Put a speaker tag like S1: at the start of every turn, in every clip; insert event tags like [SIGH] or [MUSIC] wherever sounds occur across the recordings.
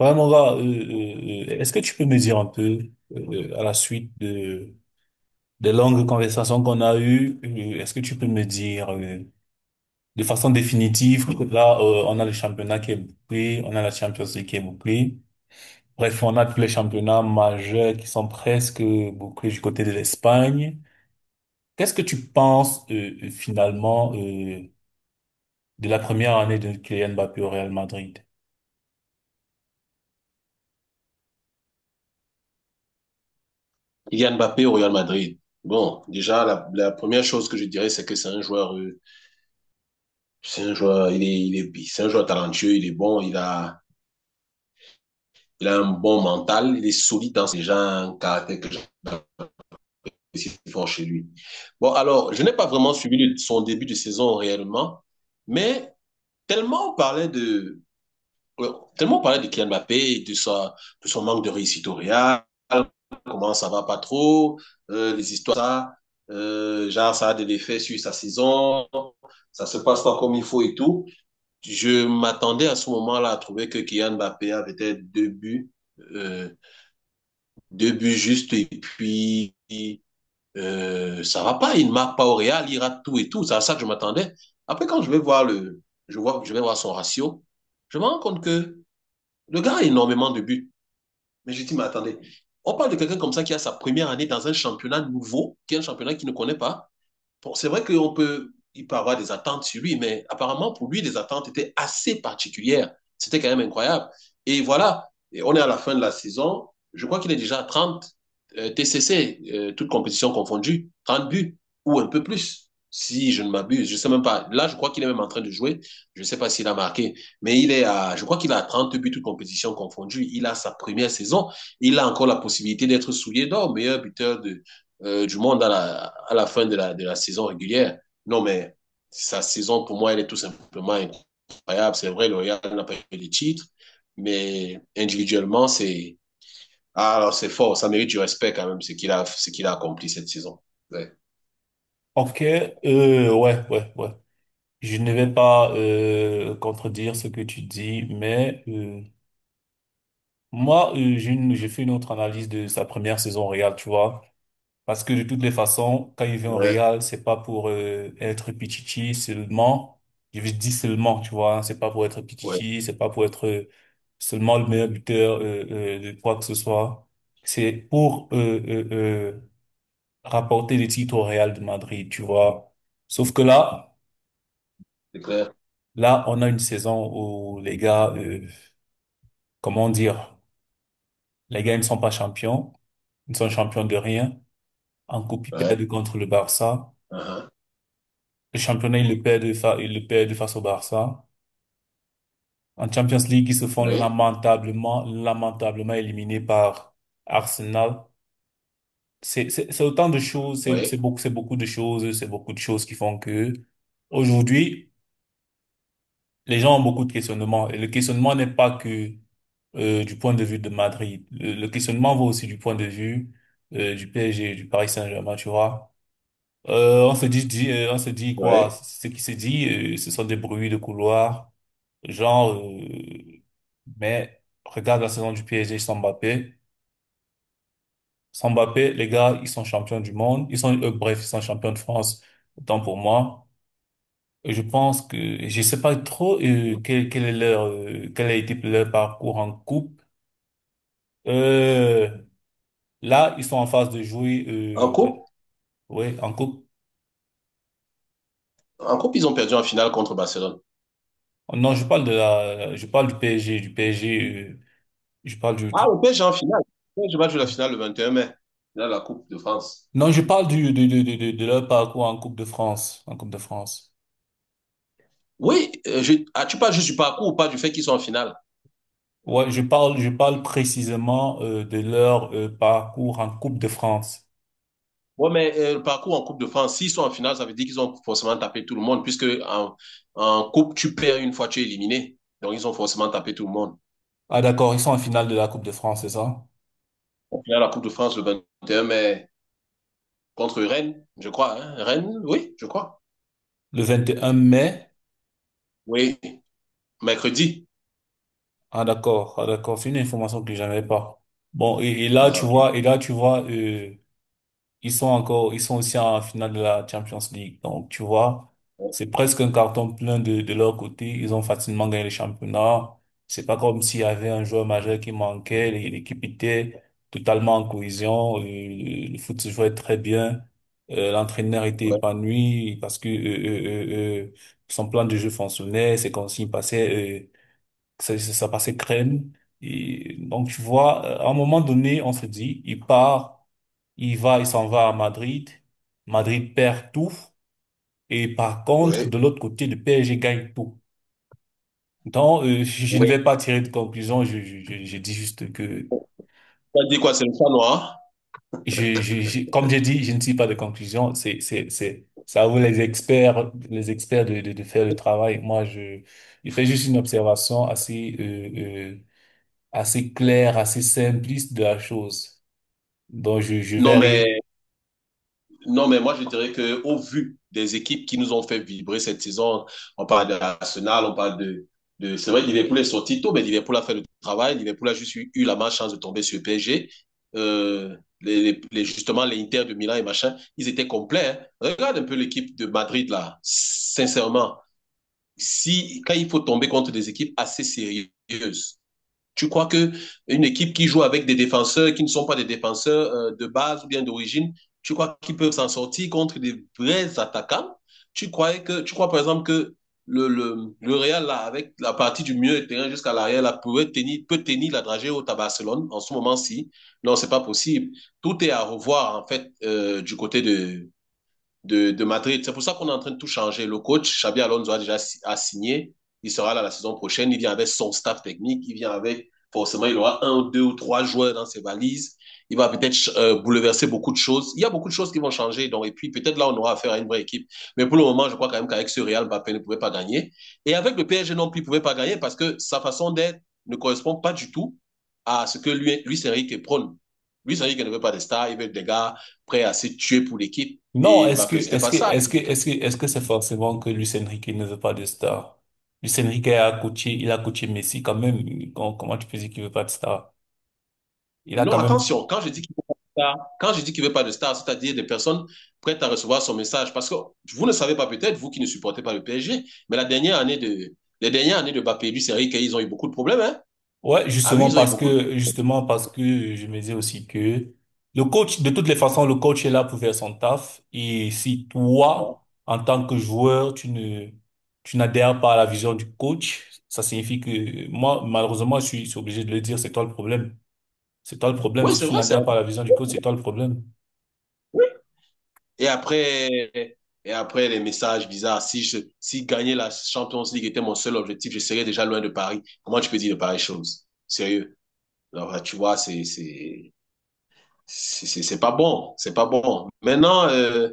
S1: Ouais, mon gars, est-ce que tu peux me dire un peu, à la suite des longues conversations qu'on a eues, est-ce que tu peux me dire, de façon définitive, que là, on a le championnat qui est bouclé, on a la Champions League qui est bouclée. Bref, on a tous les championnats majeurs qui sont presque bouclés du côté de l'Espagne. Qu'est-ce que tu penses, finalement, de la première année de Kylian Mbappé au Real Madrid?
S2: Kylian Mbappé au Real Madrid. Bon, déjà, la première chose que je dirais, c'est que c'est un joueur, c'est un joueur, c'est un joueur talentueux, il est bon, il a un bon mental, il est solide dans ses gens, un caractère que j'apprécie fort chez lui. Bon, alors, je n'ai pas vraiment suivi son début de saison réellement, mais tellement on parlait de, ouais, tellement parler de Kylian Mbappé, de son manque de réussite au Real, comment ça va pas trop, les histoires, ça, genre ça a des effets sur sa saison, ça se passe pas comme il faut et tout. Je m'attendais à ce moment-là à trouver que Kylian Mbappé avait peut-être euh, deux buts justes et puis ça va pas, il ne marque pas au Real, il rate tout et tout. C'est à ça que je m'attendais. Après quand je vais voir le, je vois, je vais voir son ratio, je me rends compte que le gars a énormément de buts. Mais je dis, mais attendez, on parle de quelqu'un comme ça qui a sa première année dans un championnat nouveau, qui est un championnat qu'il ne connaît pas. Bon, c'est vrai qu'on peut, il peut avoir des attentes sur lui, mais apparemment, pour lui, les attentes étaient assez particulières. C'était quand même incroyable. Et voilà, et on est à la fin de la saison. Je crois qu'il est déjà à 30 TCC, toutes compétitions confondues, 30 buts ou un peu plus, si je ne m'abuse. Je ne sais même pas. Là, je crois qu'il est même en train de jouer. Je ne sais pas s'il a marqué, mais je crois qu'il a 30 buts, toutes compétitions confondues. Il a sa première saison. Il a encore la possibilité d'être souillé d'or, meilleur buteur du monde à la fin de la saison régulière. Non, mais sa saison, pour moi, elle est tout simplement incroyable. C'est vrai, le Real n'a pas eu les titres, mais individuellement, alors c'est fort, ça mérite du respect quand même, ce qu'il a accompli cette saison. Ouais,
S1: Ok, ouais, ouais, ouais. Je ne vais pas contredire ce que tu dis, mais moi, j'ai fait une autre analyse de sa première saison au Real, tu vois. Parce que de toutes les façons, quand il vient au
S2: ouais,
S1: Real, c'est pas pour être pichichi seulement. Je dis seulement, tu vois. Hein. C'est pas pour être
S2: ouais,
S1: pichichi, c'est pas pour être seulement le meilleur buteur de quoi que ce soit. C'est pour rapporter des titres au Real de Madrid, tu vois. Sauf que là,
S2: c'est clair.
S1: Là, on a une saison où les gars, comment dire, les gars ils ne sont pas champions, ils ne sont champions de rien. En coupe, ils
S2: Ouais,
S1: perdent contre le Barça.
S2: uh-huh.
S1: Le championnat, ils le perdent, ils le perdent face au Barça. En Champions League, ils se font
S2: Oui,
S1: lamentablement, lamentablement éliminés par Arsenal. C'est autant de choses,
S2: oui,
S1: c'est beaucoup de choses, c'est beaucoup de choses qui font que aujourd'hui, les gens ont beaucoup de questionnements. Et le questionnement n'est pas que du point de vue de Madrid. Le questionnement va aussi du point de vue du PSG, du Paris Saint-Germain, tu vois. On se on se dit quoi?
S2: oui.
S1: Ce qui se dit, ce sont des bruits de couloir, genre, mais regarde la saison du PSG sans Mbappé. Sans Mbappé, les gars, ils sont champions du monde. Ils sont, bref, ils sont champions de France, autant pour moi. Et je pense que, je sais pas trop, quel est leur, quel a été leur parcours en coupe. Euh, là, ils sont en phase de jouer,
S2: En coupe,
S1: ouais, en coupe.
S2: en coupe, ils ont perdu en finale contre Barcelone.
S1: Non, je parle de la, je parle du PSG, je parle
S2: Ah, le PSG en finale. Le PSG va jouer la finale le 21 mai. Là, la Coupe de France.
S1: Non, je parle du, de leur parcours en Coupe de France, en Coupe de France.
S2: Oui, ah, tu parles juste du parcours ou pas du fait qu'ils sont en finale?
S1: Ouais, je parle précisément de leur parcours en Coupe de France.
S2: Oui, mais le parcours en Coupe de France, s'ils sont en finale, ça veut dire qu'ils ont forcément tapé tout le monde, puisque en Coupe, tu perds une fois tu es éliminé. Donc, ils ont forcément tapé tout le monde.
S1: Ah d'accord, ils sont en finale de la Coupe de France, c'est ça?
S2: Au final, la Coupe de France, le 21 mai, contre Rennes, je crois. Hein. Rennes, oui, je crois.
S1: Le 21 mai.
S2: Oui, mercredi.
S1: Ah d'accord, ah d'accord, c'est une information que j'avais pas. Bon, et là
S2: Ah,
S1: tu
S2: ok.
S1: vois, et là tu vois, ils sont encore, ils sont aussi en finale de la Champions League. Donc, tu vois,
S2: Oui,
S1: c'est presque un carton plein de leur côté. Ils ont facilement gagné le championnat. C'est pas comme s'il y avait un joueur majeur qui manquait. L'équipe était totalement en cohésion. Le foot se jouait très bien. L'entraîneur était épanoui parce que son plan de jeu fonctionnait. Ses consignes passaient, ça, ça passait crème. Et donc, tu vois, à un moment donné, on se dit, il part, il s'en va à Madrid. Madrid perd tout. Et par contre,
S2: oui.
S1: de l'autre côté, le PSG gagne tout. Donc, je ne
S2: Ouais.
S1: vais pas tirer de conclusion. Je dis juste que,
S2: Ça dit quoi, c'est le chat noir?
S1: comme j'ai dit, je ne tire pas de conclusion. Ça vaut les experts de faire le travail. Moi, je fais juste une observation assez, assez clair, assez simpliste de la chose. Donc, je
S2: Non, mais
S1: verrai.
S2: Non, mais moi, je dirais que au vu des équipes qui nous ont fait vibrer cette saison, on parle de Arsenal, on parle c'est vrai, Liverpool est sorti tôt, mais Liverpool a fait le travail. Liverpool a juste eu la malchance de tomber sur le PSG. Euh, justement, les Inter de Milan et machin, ils étaient complets. Hein. Regarde un peu l'équipe de Madrid, là. Sincèrement, si, quand il faut tomber contre des équipes assez sérieuses, tu crois que une équipe qui joue avec des défenseurs qui ne sont pas des défenseurs de base ou bien d'origine, tu crois qu'ils peuvent s'en sortir contre des vrais attaquants? Tu crois par exemple que le Real, là, avec la partie du milieu de terrain jusqu'à l'arrière, là, pourrait tenir, peut tenir la dragée haute à Barcelone en ce moment-ci? Non, c'est pas possible. Tout est à revoir, en fait, du côté de Madrid. C'est pour ça qu'on est en train de tout changer. Le coach, Xabi Alonso, a déjà a signé. Il sera là la saison prochaine. Il vient avec son staff technique. Il vient avec, forcément, il aura un, deux ou trois joueurs dans ses valises. Il va peut-être bouleverser beaucoup de choses. Il y a beaucoup de choses qui vont changer. Donc, et puis, peut-être là, on aura affaire à une vraie équipe. Mais pour le moment, je crois quand même qu'avec ce Real, Mbappé ne pouvait pas gagner. Et avec le PSG non plus, il ne pouvait pas gagner parce que sa façon d'être ne correspond pas du tout à ce que lui, Luis Enrique prône. Luis Enrique ne veut pas des stars, il veut des gars prêts à se tuer pour l'équipe.
S1: Non,
S2: Et bah, c'était pas ça.
S1: est-ce que c'est forcément que Luis Enrique ne veut pas de star? Luis Enrique a coaché, il a coaché Messi quand même. Comment tu peux dire qu'il veut pas de star? Il a
S2: Non,
S1: quand même
S2: attention, quand je dis qu'il veut pas de star, c'est-à-dire des personnes prêtes à recevoir son message. Parce que vous ne savez pas peut-être, vous qui ne supportez pas le PSG, mais la dernière année de, les dernières années de Mbappé et du Série, qu'ils ont eu beaucoup de problèmes, hein?
S1: ouais,
S2: Ah oui, ils ont eu beaucoup de
S1: justement parce que je me disais aussi que le coach, de toutes les façons, le coach est là pour faire son taf. Et si
S2: problèmes.
S1: toi, en tant que joueur, tu n'adhères pas à la vision du coach, ça signifie que moi, malheureusement, je suis obligé de le dire, c'est toi le problème. C'est toi le problème.
S2: Oui,
S1: Si
S2: c'est
S1: tu
S2: vrai,
S1: n'adhères pas à la vision du coach, c'est toi le problème.
S2: oui. Et après, et après les messages bizarres, si gagner la Champions League était mon seul objectif, je serais déjà loin de Paris. Comment tu peux dire de pareilles choses? Sérieux. Alors, tu vois, c'est pas bon. C'est pas bon. Maintenant,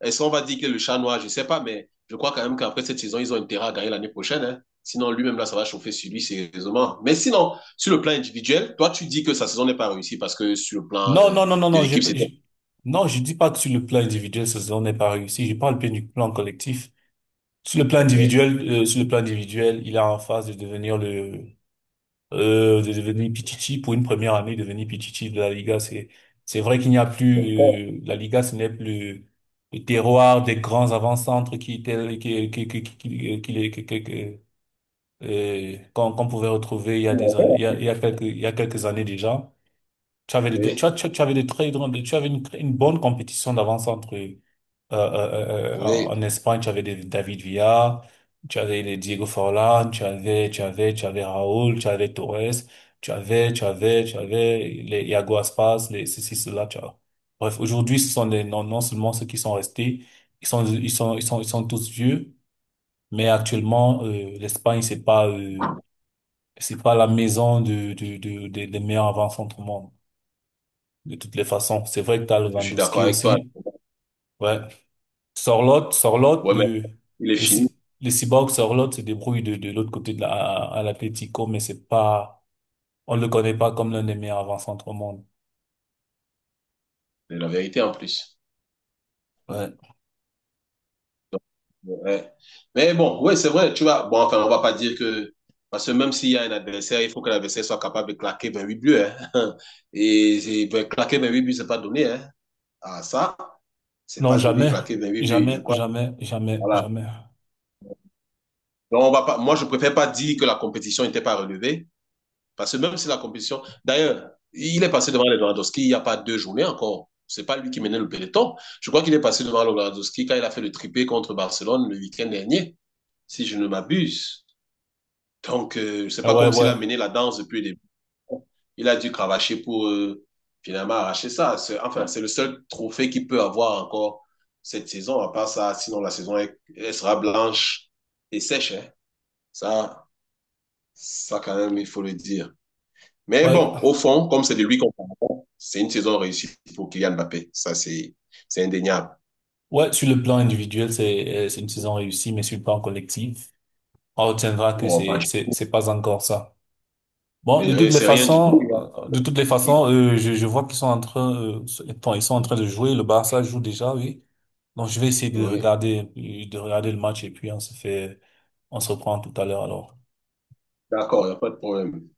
S2: est-ce qu'on va dire que le chat noir? Je sais pas, mais je crois quand même qu'après cette saison, ils ont intérêt à gagner l'année prochaine. Hein. Sinon, lui-même, là, ça va chauffer sur lui, sérieusement. Mais sinon, sur le plan individuel, toi, tu dis que sa saison n'est pas réussie parce que sur le plan
S1: Non, non, non, non,
S2: de
S1: non.
S2: l'équipe, c'était.
S1: Non, je dis pas que sur le plan individuel, cette saison n'est pas réussie. Je parle bien du plan collectif. Sur le plan
S2: OK.
S1: individuel, il est en phase de devenir le de devenir Pichichi pour une première année, devenir Pichichi de la Liga, c'est vrai qu'il n'y a plus la Liga, ce n'est plus le terroir des grands avant-centres qui étaient qui- qu'on qu'on pouvait retrouver il y a
S2: Oui,
S1: il y a quelques il y a quelques années déjà. Tu avais des très grandes, tu avais une bonne compétition d'avant-centre
S2: oui,
S1: en Espagne, tu avais des David Villa, tu avais les Diego Forlan, tu avais Raúl, tu avais Torres, tu avais les Iago Aspas, les ceci, cela, tu vois. Bref, aujourd'hui, ce sont des, non, non seulement ceux qui sont restés, ils sont tous vieux, mais actuellement, l'Espagne, c'est pas la maison des meilleurs avant-centre au monde, de toutes les façons. C'est vrai que t'as
S2: je suis d'accord
S1: Lewandowski
S2: avec toi.
S1: aussi. Ouais, sur l'autre,
S2: Ouais, mais
S1: le,
S2: il est fini,
S1: les cyborgs sur se débrouille de l'autre côté à l'Atlético, mais c'est pas, on le connaît pas comme l'un des meilleurs avant-centres au monde.
S2: c'est la vérité en plus.
S1: Ouais.
S2: Ouais. Mais bon, ouais, c'est vrai, tu vois. Bon, enfin, on va pas dire que. Parce que même s'il y a un adversaire, il faut que l'adversaire soit capable de claquer 28 buts. Hein. [LAUGHS] Ben, claquer huit buts, c'est pas donné. Hein. Ah, ça, c'est
S1: Non,
S2: pas donné,
S1: jamais,
S2: claquer 28 buts. Je
S1: jamais,
S2: crois.
S1: jamais, jamais,
S2: Voilà.
S1: jamais.
S2: Donc, on va pas, moi, je préfère pas dire que la compétition n'était pas relevée. Parce que même si la compétition. D'ailleurs, il est passé devant Lewandowski il n'y a pas deux journées encore. C'est pas lui qui menait le peloton. Je crois qu'il est passé devant Lewandowski quand il a fait le triplé contre Barcelone le week-end dernier, si je ne m'abuse. Donc, c'est
S1: Ah
S2: pas
S1: ouais,
S2: comme s'il a
S1: ouais,
S2: mené la danse depuis le début. Il a dû cravacher pour finalement arracher ça. Enfin, c'est le seul trophée qu'il peut avoir encore cette saison. À part ça, sinon la saison elle, elle sera blanche et sèche. Hein. Ça, ça quand même, il faut le dire. Mais
S1: ouais.
S2: bon, au fond, comme c'est de lui qu'on parle, c'est une saison réussie pour Kylian Mbappé. Ça, c'est indéniable.
S1: Ouais, sur le plan individuel, c'est une saison réussie, mais sur le plan collectif, on retiendra que
S2: Oh,
S1: c'est pas encore ça. Bon,
S2: c'est
S1: de
S2: rien
S1: toutes les
S2: c'est rien du tout.
S1: façons, je vois qu'ils sont en train, bon, ils sont en train de jouer. Le Barça joue déjà, oui. Donc, je vais essayer
S2: Oui,
S1: de regarder le match et puis on se fait, on se reprend tout à l'heure alors.
S2: d'accord, il n'y a pas de problème.